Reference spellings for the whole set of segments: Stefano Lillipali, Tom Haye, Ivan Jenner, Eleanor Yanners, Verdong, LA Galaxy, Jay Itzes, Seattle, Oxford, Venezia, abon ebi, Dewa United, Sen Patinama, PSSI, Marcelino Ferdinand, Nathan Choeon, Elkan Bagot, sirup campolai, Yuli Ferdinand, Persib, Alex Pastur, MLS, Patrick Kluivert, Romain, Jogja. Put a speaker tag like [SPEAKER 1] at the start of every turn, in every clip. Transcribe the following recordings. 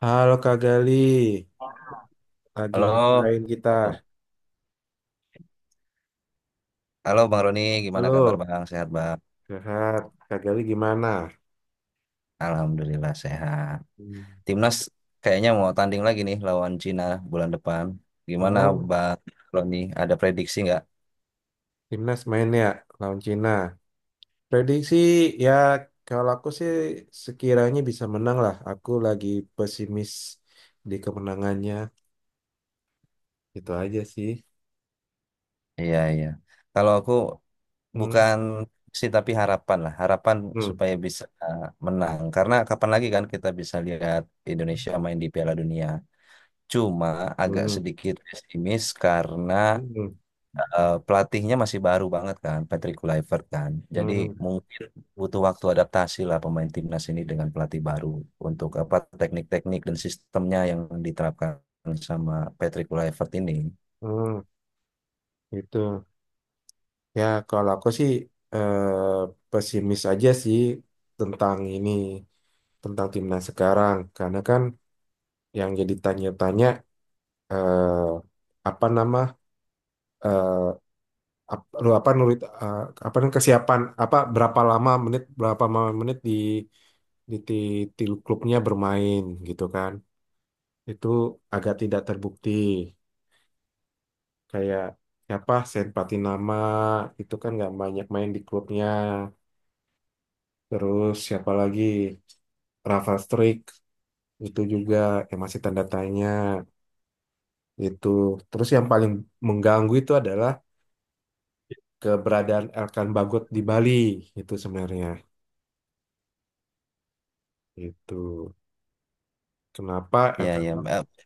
[SPEAKER 1] Halo Kak Gali, lagi
[SPEAKER 2] Halo,
[SPEAKER 1] ngapain kita?
[SPEAKER 2] halo, halo Bang Roni, gimana kabar
[SPEAKER 1] Halo,
[SPEAKER 2] Bang? Sehat Bang?
[SPEAKER 1] sehat. Kak Gali gimana?
[SPEAKER 2] Alhamdulillah sehat.
[SPEAKER 1] Hmm.
[SPEAKER 2] Timnas kayaknya mau tanding lagi nih lawan Cina bulan depan. Gimana
[SPEAKER 1] Oh,
[SPEAKER 2] Bang Roni? Ada prediksi nggak?
[SPEAKER 1] timnas main ya lawan Cina. Prediksi ya, kalau aku sih sekiranya bisa menang lah. Aku lagi pesimis di kemenangannya. Itu aja sih.
[SPEAKER 2] Iya iya. Kalau aku
[SPEAKER 1] Hmm.
[SPEAKER 2] bukan sih tapi harapan lah, harapan
[SPEAKER 1] Hmm.
[SPEAKER 2] supaya bisa menang. Karena kapan lagi kan kita bisa lihat Indonesia main di Piala Dunia. Cuma agak
[SPEAKER 1] Hmm.
[SPEAKER 2] sedikit pesimis karena
[SPEAKER 1] Hmm.
[SPEAKER 2] pelatihnya masih baru banget kan, Patrick Kluivert kan. Jadi
[SPEAKER 1] Hmm.
[SPEAKER 2] mungkin butuh waktu adaptasi lah pemain timnas ini dengan pelatih baru untuk apa teknik-teknik dan sistemnya yang diterapkan sama Patrick Kluivert ini.
[SPEAKER 1] Hmm. Itu. Ya, kalau aku sih pesimis aja sih tentang ini, tentang timnas sekarang. Karena kan yang jadi tanya-tanya eh, apa nama eh, lu apa nulit apa namanya, kesiapan apa berapa lama menit di ti ti- klubnya bermain gitu kan. Itu agak tidak terbukti. Kayak siapa Sen Patinama, itu kan nggak banyak main di klubnya. Terus siapa lagi? Rafa Strik itu juga yang masih tanda tanya itu. Terus yang paling mengganggu itu adalah keberadaan Elkan Bagot di Bali itu sebenarnya itu. Kenapa
[SPEAKER 2] Ya
[SPEAKER 1] Elkan
[SPEAKER 2] ya.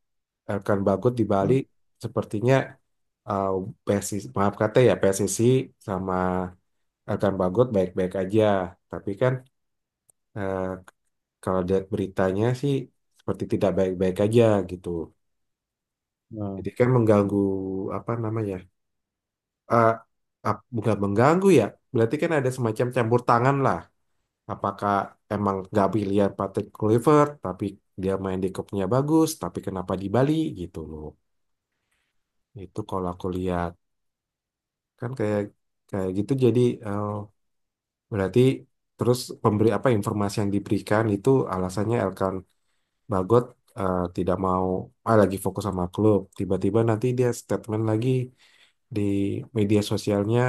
[SPEAKER 1] Elkan Bagot di Bali
[SPEAKER 2] hmm,
[SPEAKER 1] sepertinya, uh, PSSI, maaf kata ya, PSSI sama Elkan Bagot baik-baik aja, tapi kan eh, kalau lihat beritanya sih seperti tidak baik-baik aja gitu.
[SPEAKER 2] hmm.
[SPEAKER 1] Jadi kan mengganggu apa namanya? eh bukan mengganggu ya. Berarti kan ada semacam campur tangan lah. Apakah emang nggak pilihan Patrick Kluivert, tapi dia main di klubnya bagus, tapi kenapa di Bali gitu loh. Itu kalau aku lihat kan kayak kayak gitu, jadi eh, berarti terus pemberi apa informasi yang diberikan itu alasannya Elkan Bagot tidak mau, ah, lagi fokus sama klub. Tiba-tiba nanti dia statement lagi di media sosialnya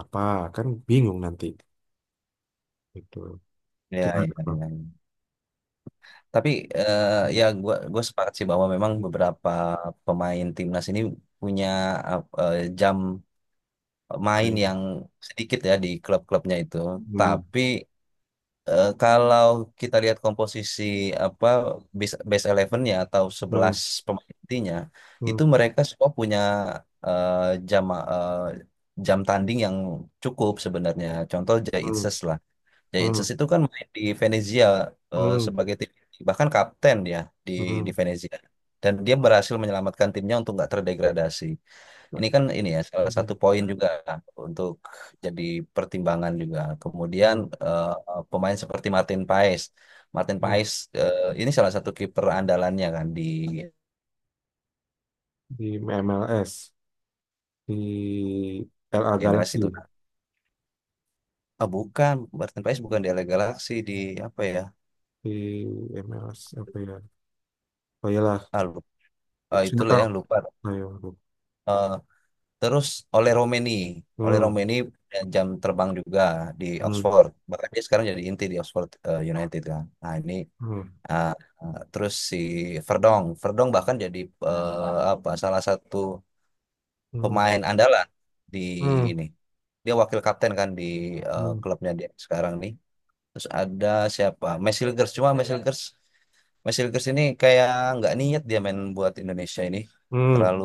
[SPEAKER 1] apa, kan bingung nanti itu
[SPEAKER 2] Ya,
[SPEAKER 1] gimana
[SPEAKER 2] ya,
[SPEAKER 1] bang.
[SPEAKER 2] ya. Tapi eh, ya
[SPEAKER 1] Hmm.
[SPEAKER 2] gua sepakat sih bahwa memang
[SPEAKER 1] Hmm.
[SPEAKER 2] beberapa pemain timnas ini punya jam main
[SPEAKER 1] Baik.
[SPEAKER 2] yang sedikit ya di klub-klubnya itu.
[SPEAKER 1] Hmm.
[SPEAKER 2] Tapi kalau kita lihat komposisi apa base base 11-nya atau sebelas
[SPEAKER 1] Hmm.
[SPEAKER 2] pemain intinya,
[SPEAKER 1] Hmm.
[SPEAKER 2] itu mereka semua punya eh, jam eh, jam tanding yang cukup sebenarnya. Contoh Jay
[SPEAKER 1] Hmm.
[SPEAKER 2] Itzes lah. Jay Itzes
[SPEAKER 1] Hmm.
[SPEAKER 2] itu kan main di Venezia
[SPEAKER 1] Hmm.
[SPEAKER 2] sebagai tim inti, bahkan kapten dia di
[SPEAKER 1] Hmm.
[SPEAKER 2] di Venezia. Dan dia berhasil menyelamatkan timnya untuk nggak terdegradasi.
[SPEAKER 1] Nah,
[SPEAKER 2] Ini kan ini ya salah satu
[SPEAKER 1] Hmm.
[SPEAKER 2] poin juga untuk jadi pertimbangan juga. Kemudian
[SPEAKER 1] Hmm.
[SPEAKER 2] eh, pemain seperti Martin Paes, Martin
[SPEAKER 1] Hmm.
[SPEAKER 2] Paes ini salah satu kiper andalannya kan di
[SPEAKER 1] Di MLS, di LA
[SPEAKER 2] MLS
[SPEAKER 1] Galaxy,
[SPEAKER 2] itu. Ah, bukan, Martin Paes bukan di LA Galaxy di apa ya?
[SPEAKER 1] di MLS apa ya, oh iyalah,
[SPEAKER 2] Ah, lupa, Ah, itulah ya
[SPEAKER 1] Seattle,
[SPEAKER 2] lupa.
[SPEAKER 1] ayo.
[SPEAKER 2] Eh, terus oleh Romeni, oleh
[SPEAKER 1] Hmm.
[SPEAKER 2] Romeni punya jam terbang juga di
[SPEAKER 1] Hmm.
[SPEAKER 2] Oxford. Bahkan dia sekarang jadi inti di Oxford United kan. Nah ini
[SPEAKER 1] Hmm.
[SPEAKER 2] Ah, ah, terus si Verdong, Verdong bahkan jadi apa salah satu
[SPEAKER 1] Hmm.
[SPEAKER 2] pemain andalan di
[SPEAKER 1] Hmm.
[SPEAKER 2] ini. Dia wakil kapten kan di
[SPEAKER 1] Hmm.
[SPEAKER 2] klubnya dia sekarang nih. Terus ada siapa? Mesilgers cuma Mesilgers Mesilgers ini kayak nggak niat dia main buat Indonesia ini.
[SPEAKER 1] Hmm.
[SPEAKER 2] Terlalu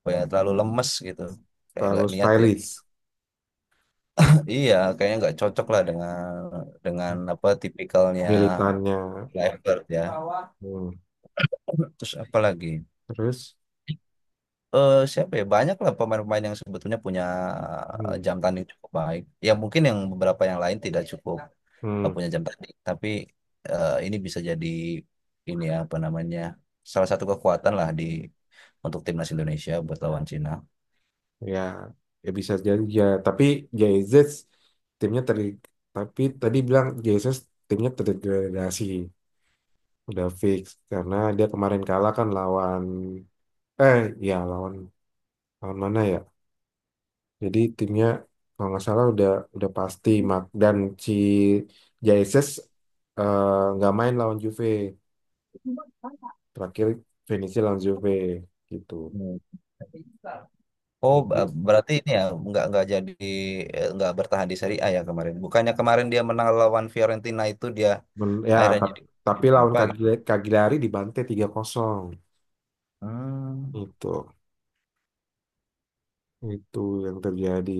[SPEAKER 2] apa ya, terlalu lemes gitu. Kayak nggak
[SPEAKER 1] Terus
[SPEAKER 2] niat dia.
[SPEAKER 1] stylish
[SPEAKER 2] Iya, kayaknya nggak cocok lah dengan apa tipikalnya
[SPEAKER 1] militannya.
[SPEAKER 2] Kluivert ya.
[SPEAKER 1] Hmm.
[SPEAKER 2] Terus apa lagi?
[SPEAKER 1] Terus.
[SPEAKER 2] Siapa ya banyak lah pemain-pemain yang sebetulnya punya
[SPEAKER 1] Hmm.
[SPEAKER 2] jam tanding cukup baik. Ya mungkin yang beberapa yang lain tidak cukup
[SPEAKER 1] Hmm.
[SPEAKER 2] punya jam tanding, tapi ini bisa jadi ini ya, apa namanya salah satu kekuatan lah di untuk timnas Indonesia buat lawan Cina.
[SPEAKER 1] Ya, ya bisa jadi ya. Tapi JZ timnya ter tapi tadi bilang JZ timnya terdegradasi udah fix, karena dia kemarin kalah kan lawan eh ya, lawan, mana ya? Jadi timnya kalau nggak salah udah, pasti mak, dan si JZ eh, nggak main lawan Juve, terakhir finishnya lawan Juve gitu.
[SPEAKER 2] Hmm. Oh, ba-
[SPEAKER 1] Jadi
[SPEAKER 2] berarti ini ya nggak jadi nggak bertahan di Serie A ya kemarin. Bukannya kemarin dia menang lawan Fiorentina itu dia
[SPEAKER 1] ya,
[SPEAKER 2] akhirnya jadi
[SPEAKER 1] tapi lawan
[SPEAKER 2] berapa gitu?
[SPEAKER 1] Cagliari Cagliari dibantai 3-0
[SPEAKER 2] Hmm,
[SPEAKER 1] itu. Itu yang terjadi.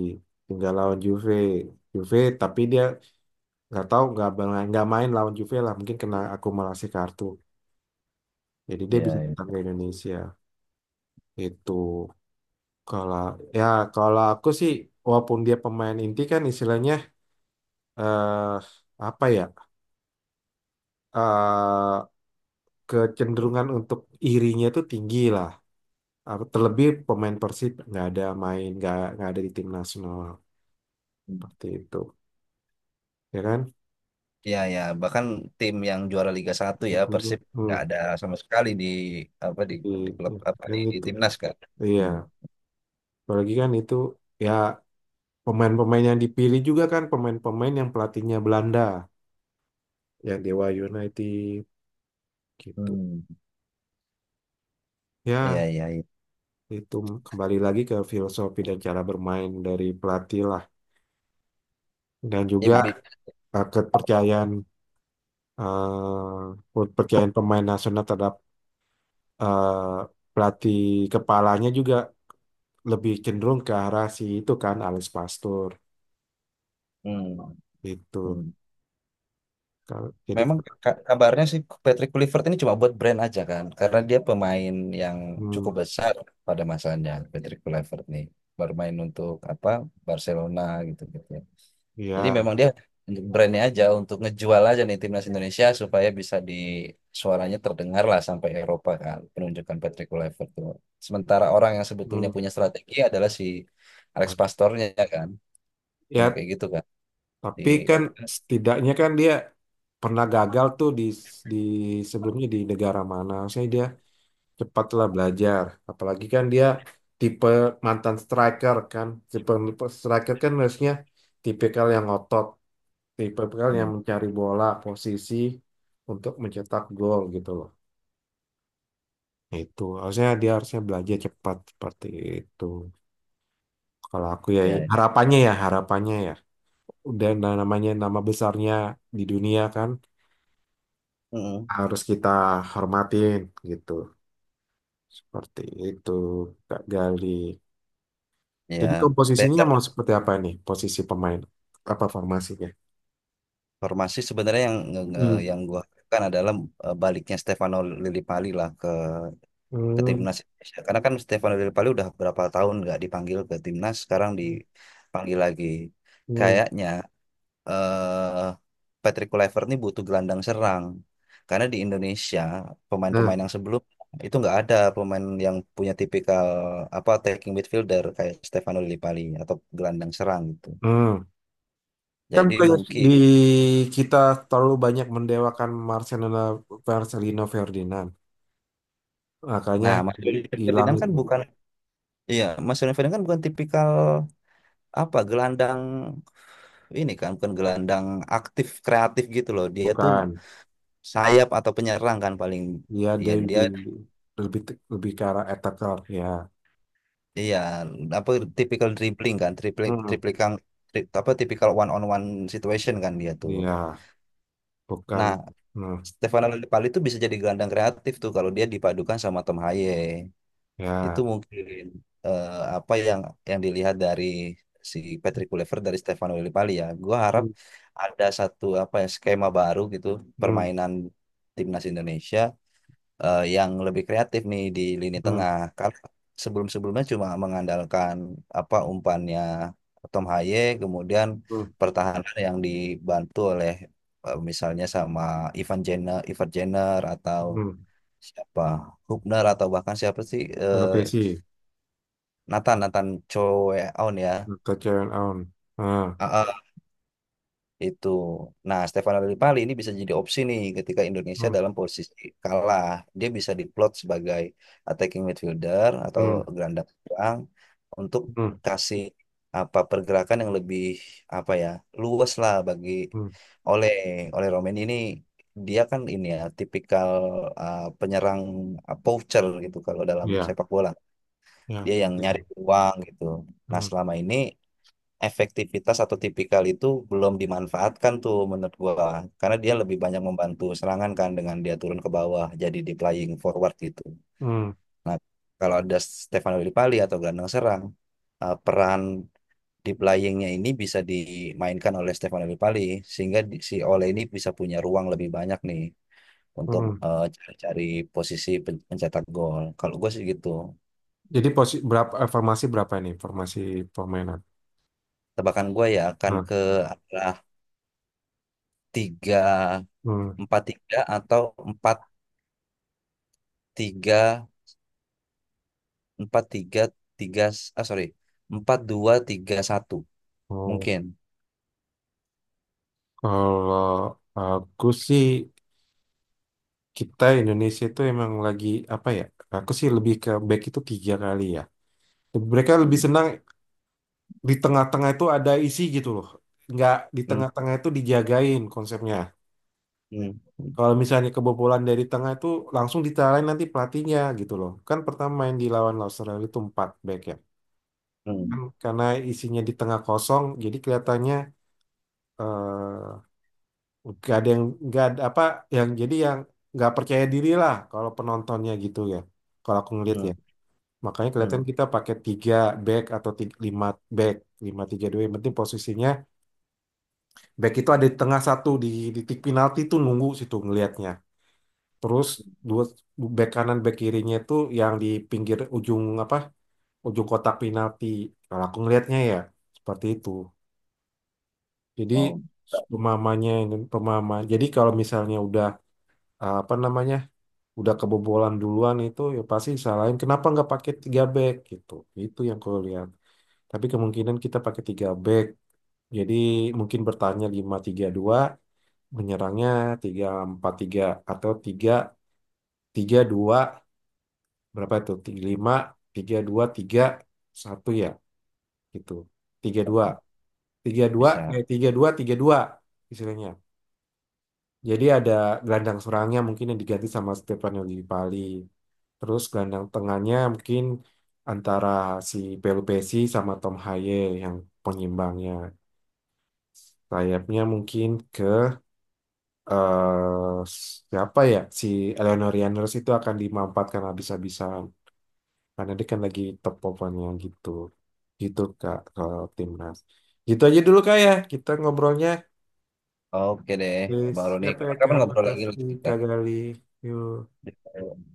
[SPEAKER 1] Tinggal lawan Juve. Juve, tapi dia nggak tahu, nggak main lawan Juve lah, mungkin kena akumulasi kartu. Jadi dia bisa
[SPEAKER 2] ya,
[SPEAKER 1] datang ke Indonesia. Itu kalau, ya, kalau aku sih walaupun dia pemain inti kan istilahnya, eh apa ya, eh kecenderungan untuk irinya itu tinggi lah. Apa, terlebih pemain Persib nggak ada main, nggak ada di tim nasional
[SPEAKER 2] ya.
[SPEAKER 1] seperti itu. Ya kan?
[SPEAKER 2] Iya ya, bahkan tim yang juara Liga Satu ya
[SPEAKER 1] Itu.
[SPEAKER 2] Persib nggak
[SPEAKER 1] Hmm.
[SPEAKER 2] ada sama sekali di apa
[SPEAKER 1] Gitu
[SPEAKER 2] di klub apa
[SPEAKER 1] kan,
[SPEAKER 2] di
[SPEAKER 1] itu
[SPEAKER 2] timnas kan.
[SPEAKER 1] iya,
[SPEAKER 2] Hmm.
[SPEAKER 1] apalagi kan itu, ya, pemain-pemain yang dipilih juga kan pemain-pemain yang pelatihnya Belanda, yang Dewa United gitu
[SPEAKER 2] Hmm. Iya
[SPEAKER 1] ya.
[SPEAKER 2] iya iya.
[SPEAKER 1] Itu kembali lagi ke filosofi dan cara bermain dari pelatih lah, dan
[SPEAKER 2] Ya,
[SPEAKER 1] juga
[SPEAKER 2] bi-
[SPEAKER 1] eh, kepercayaan eh, kepercayaan pemain nasional terhadap pelatih kepalanya, juga lebih cenderung ke arah si itu kan, Alex Pastur
[SPEAKER 2] hmm.
[SPEAKER 1] itu.
[SPEAKER 2] Hmm.
[SPEAKER 1] Jadi,
[SPEAKER 2] Memang ka- kabarnya sih Patrick Kluivert ini cuma buat brand aja kan, karena dia pemain yang
[SPEAKER 1] hmm,
[SPEAKER 2] cukup besar pada masanya Patrick Kluivert nih bermain untuk apa Barcelona gitu gitu. Jadi
[SPEAKER 1] ya.
[SPEAKER 2] memang dia untuk brandnya aja, untuk ngejual aja nih timnas Indonesia supaya bisa di suaranya terdengar lah sampai Eropa kan penunjukan Patrick Kluivert tuh. Sementara orang yang sebetulnya punya strategi adalah si Alex Pastornya ya kan, sama
[SPEAKER 1] Ya,
[SPEAKER 2] kayak gitu kan di
[SPEAKER 1] tapi kan
[SPEAKER 2] apa?
[SPEAKER 1] setidaknya kan dia pernah gagal tuh di di sebelumnya, di negara mana. Saya, dia cepatlah belajar. Apalagi kan dia tipe mantan striker kan. Tipe striker kan harusnya tipikal yang ngotot, tipikal yang
[SPEAKER 2] Hmm,
[SPEAKER 1] mencari bola posisi untuk mencetak gol gitu loh. Nah, itu harusnya dia harusnya belajar cepat seperti itu. Kalau aku ya,
[SPEAKER 2] ya, ya.
[SPEAKER 1] harapannya ya, harapannya ya. Dan namanya, nama besarnya di dunia kan,
[SPEAKER 2] Mm-mm.
[SPEAKER 1] harus kita hormatin gitu. Seperti itu, Kak Gali. Jadi
[SPEAKER 2] Ya. Dan
[SPEAKER 1] komposisinya mau seperti apa nih? Posisi pemain apa formasinya?
[SPEAKER 2] formasi sebenarnya yang
[SPEAKER 1] Hmm.
[SPEAKER 2] yang gua harapkan adalah baliknya Stefano Lillipali lah. Ke
[SPEAKER 1] Hmm.
[SPEAKER 2] timnas Indonesia. Karena kan Stefano Del Piero udah berapa tahun nggak dipanggil ke timnas, sekarang dipanggil lagi.
[SPEAKER 1] Hmm.
[SPEAKER 2] Kayaknya eh Patrick Kluivert nih butuh gelandang serang. Karena di Indonesia
[SPEAKER 1] Nah,
[SPEAKER 2] pemain-pemain yang sebelum itu nggak ada pemain yang punya tipikal apa attacking midfielder kayak Stefano Del Piero atau gelandang serang gitu.
[SPEAKER 1] hmm. Kan
[SPEAKER 2] Jadi
[SPEAKER 1] bukannya
[SPEAKER 2] mungkin
[SPEAKER 1] di kita terlalu banyak mendewakan Marcelino, Ferdinand. Makanya
[SPEAKER 2] Nah, Mas Yuli
[SPEAKER 1] hilang
[SPEAKER 2] Ferdinand kan
[SPEAKER 1] itu.
[SPEAKER 2] bukan, iya, Mas Yuli Ferdinand kan bukan tipikal apa gelandang ini kan bukan gelandang aktif kreatif gitu loh. Dia tuh
[SPEAKER 1] Bukan.
[SPEAKER 2] sayap atau penyerang kan paling
[SPEAKER 1] Dia
[SPEAKER 2] ya
[SPEAKER 1] dia
[SPEAKER 2] dia
[SPEAKER 1] lebih, lebih lebih ke arah attacker ya.
[SPEAKER 2] iya apa tipikal dribbling kan, triplik
[SPEAKER 1] Hmm.
[SPEAKER 2] triplikan apa tipikal one on one situation kan dia tuh.
[SPEAKER 1] Iya, bukan.
[SPEAKER 2] Nah,
[SPEAKER 1] Hmm,
[SPEAKER 2] Stefano Lillipali itu bisa jadi gelandang kreatif tuh kalau dia dipadukan sama Tom Haye. Itu
[SPEAKER 1] ya.
[SPEAKER 2] mungkin eh, apa yang dilihat dari si Patrick Kluivert dari Stefano Lillipali ya. Gua harap
[SPEAKER 1] Hmm,
[SPEAKER 2] ada satu apa ya skema baru gitu
[SPEAKER 1] hmm,
[SPEAKER 2] permainan timnas Indonesia yang lebih kreatif nih di lini
[SPEAKER 1] hmm,
[SPEAKER 2] tengah. Karena sebelum-sebelumnya cuma mengandalkan apa umpannya Tom Haye, kemudian
[SPEAKER 1] hmm,
[SPEAKER 2] pertahanan yang dibantu oleh misalnya sama Ivan Jenner, Ivan Jenner atau
[SPEAKER 1] hmm.
[SPEAKER 2] siapa Hubner atau bahkan siapa sih
[SPEAKER 1] LPC,
[SPEAKER 2] Nathan Nathan Choeon ya.
[SPEAKER 1] kecewaan awan. Ah,
[SPEAKER 2] Ah, ah. Itu. Nah, Stefano Lillipali ini bisa jadi opsi nih ketika Indonesia
[SPEAKER 1] hmm,
[SPEAKER 2] dalam posisi kalah. Dia bisa diplot sebagai attacking midfielder atau
[SPEAKER 1] hmm,
[SPEAKER 2] gelandang serang untuk
[SPEAKER 1] hmm,
[SPEAKER 2] kasih apa pergerakan yang lebih apa ya luas lah bagi
[SPEAKER 1] hmm.
[SPEAKER 2] oleh oleh Romain ini dia kan ini ya tipikal penyerang poacher gitu kalau dalam
[SPEAKER 1] Ya,
[SPEAKER 2] sepak bola
[SPEAKER 1] ya,
[SPEAKER 2] dia yang
[SPEAKER 1] seperti itu.
[SPEAKER 2] nyari uang gitu. Nah
[SPEAKER 1] Hmm,
[SPEAKER 2] selama ini efektivitas atau tipikal itu belum dimanfaatkan tuh menurut gua karena dia lebih banyak membantu serangan kan dengan dia turun ke bawah jadi di playing forward gitu.
[SPEAKER 1] hmm,
[SPEAKER 2] Nah, kalau ada Stefano Lillipali atau gelandang serang peran di playingnya ini bisa dimainkan oleh Stefano Lillipali sehingga si Ole ini bisa punya ruang lebih banyak nih untuk
[SPEAKER 1] hmm.
[SPEAKER 2] cari-cari posisi pencetak gol. Kalau gue sih gitu.
[SPEAKER 1] Jadi posisi berapa, formasi berapa ini? Formasi permainan.
[SPEAKER 2] Tebakan gue ya akan
[SPEAKER 1] Nah,
[SPEAKER 2] ke arah tiga
[SPEAKER 1] hmm.
[SPEAKER 2] empat tiga atau empat tiga empat tiga tiga ah sorry empat dua tiga satu
[SPEAKER 1] Oh,
[SPEAKER 2] mungkin
[SPEAKER 1] kalau aku sih kita Indonesia itu emang lagi apa ya? Aku sih lebih ke back itu tiga kali ya. Mereka lebih
[SPEAKER 2] hmm.
[SPEAKER 1] senang di tengah-tengah itu ada isi gitu loh. Nggak, di
[SPEAKER 2] Hmm.
[SPEAKER 1] tengah-tengah itu dijagain konsepnya.
[SPEAKER 2] Hmm.
[SPEAKER 1] Kalau misalnya kebobolan dari tengah itu, langsung ditarain nanti pelatihnya gitu loh. Kan pertama main di lawan Australia itu 4 back ya.
[SPEAKER 2] Hmm.
[SPEAKER 1] Kan karena isinya di tengah kosong jadi kelihatannya eh, nggak ada yang, nggak ada apa yang jadi yang nggak percaya diri lah kalau penontonnya gitu ya. Kalau aku ngeliat
[SPEAKER 2] Hmm.
[SPEAKER 1] ya. Makanya kelihatan
[SPEAKER 2] Hmm.
[SPEAKER 1] kita pakai tiga back atau tiga, lima back, 5 3 2. Yang penting posisinya, back itu ada di tengah, satu di titik penalti tuh nunggu situ ngelihatnya. Terus dua back, kanan back kirinya itu yang di pinggir ujung apa, ujung kotak penalti. Kalau aku ngelihatnya ya seperti itu. Jadi
[SPEAKER 2] Oh, tak
[SPEAKER 1] pemahamannya, ini pemahaman. Jadi kalau misalnya udah apa namanya, udah kebobolan duluan itu ya pasti salahin kenapa nggak pakai tiga back gitu. Itu yang aku lihat. Tapi kemungkinan kita pakai tiga back. Jadi mungkin bertanya lima tiga dua, menyerangnya tiga empat tiga, atau tiga tiga dua, berapa itu? Lima tiga dua, tiga satu, ya gitu. Tiga
[SPEAKER 2] bisa
[SPEAKER 1] dua,
[SPEAKER 2] Kak.
[SPEAKER 1] tiga dua,
[SPEAKER 2] Bisa
[SPEAKER 1] tiga dua, tiga dua istilahnya. Jadi ada gelandang serangnya mungkin yang diganti sama Stefano Lillipali. Terus gelandang tengahnya mungkin antara si Belu Besi sama Tom Haye yang penyimbangnya. Sayapnya mungkin ke, eh siapa ya, si Eleanor Yanners itu akan dimampatkan habis-habisan karena dia kan lagi top performanya gitu. Gitu kak, kalau timnas gitu aja dulu kak ya kita ngobrolnya.
[SPEAKER 2] oke deh
[SPEAKER 1] Please.
[SPEAKER 2] Bang Roni
[SPEAKER 1] Siapa ya
[SPEAKER 2] kapan-kapan
[SPEAKER 1] kak,
[SPEAKER 2] ngobrol lagi
[SPEAKER 1] makasih
[SPEAKER 2] lah
[SPEAKER 1] kak Gali, yuk.
[SPEAKER 2] kita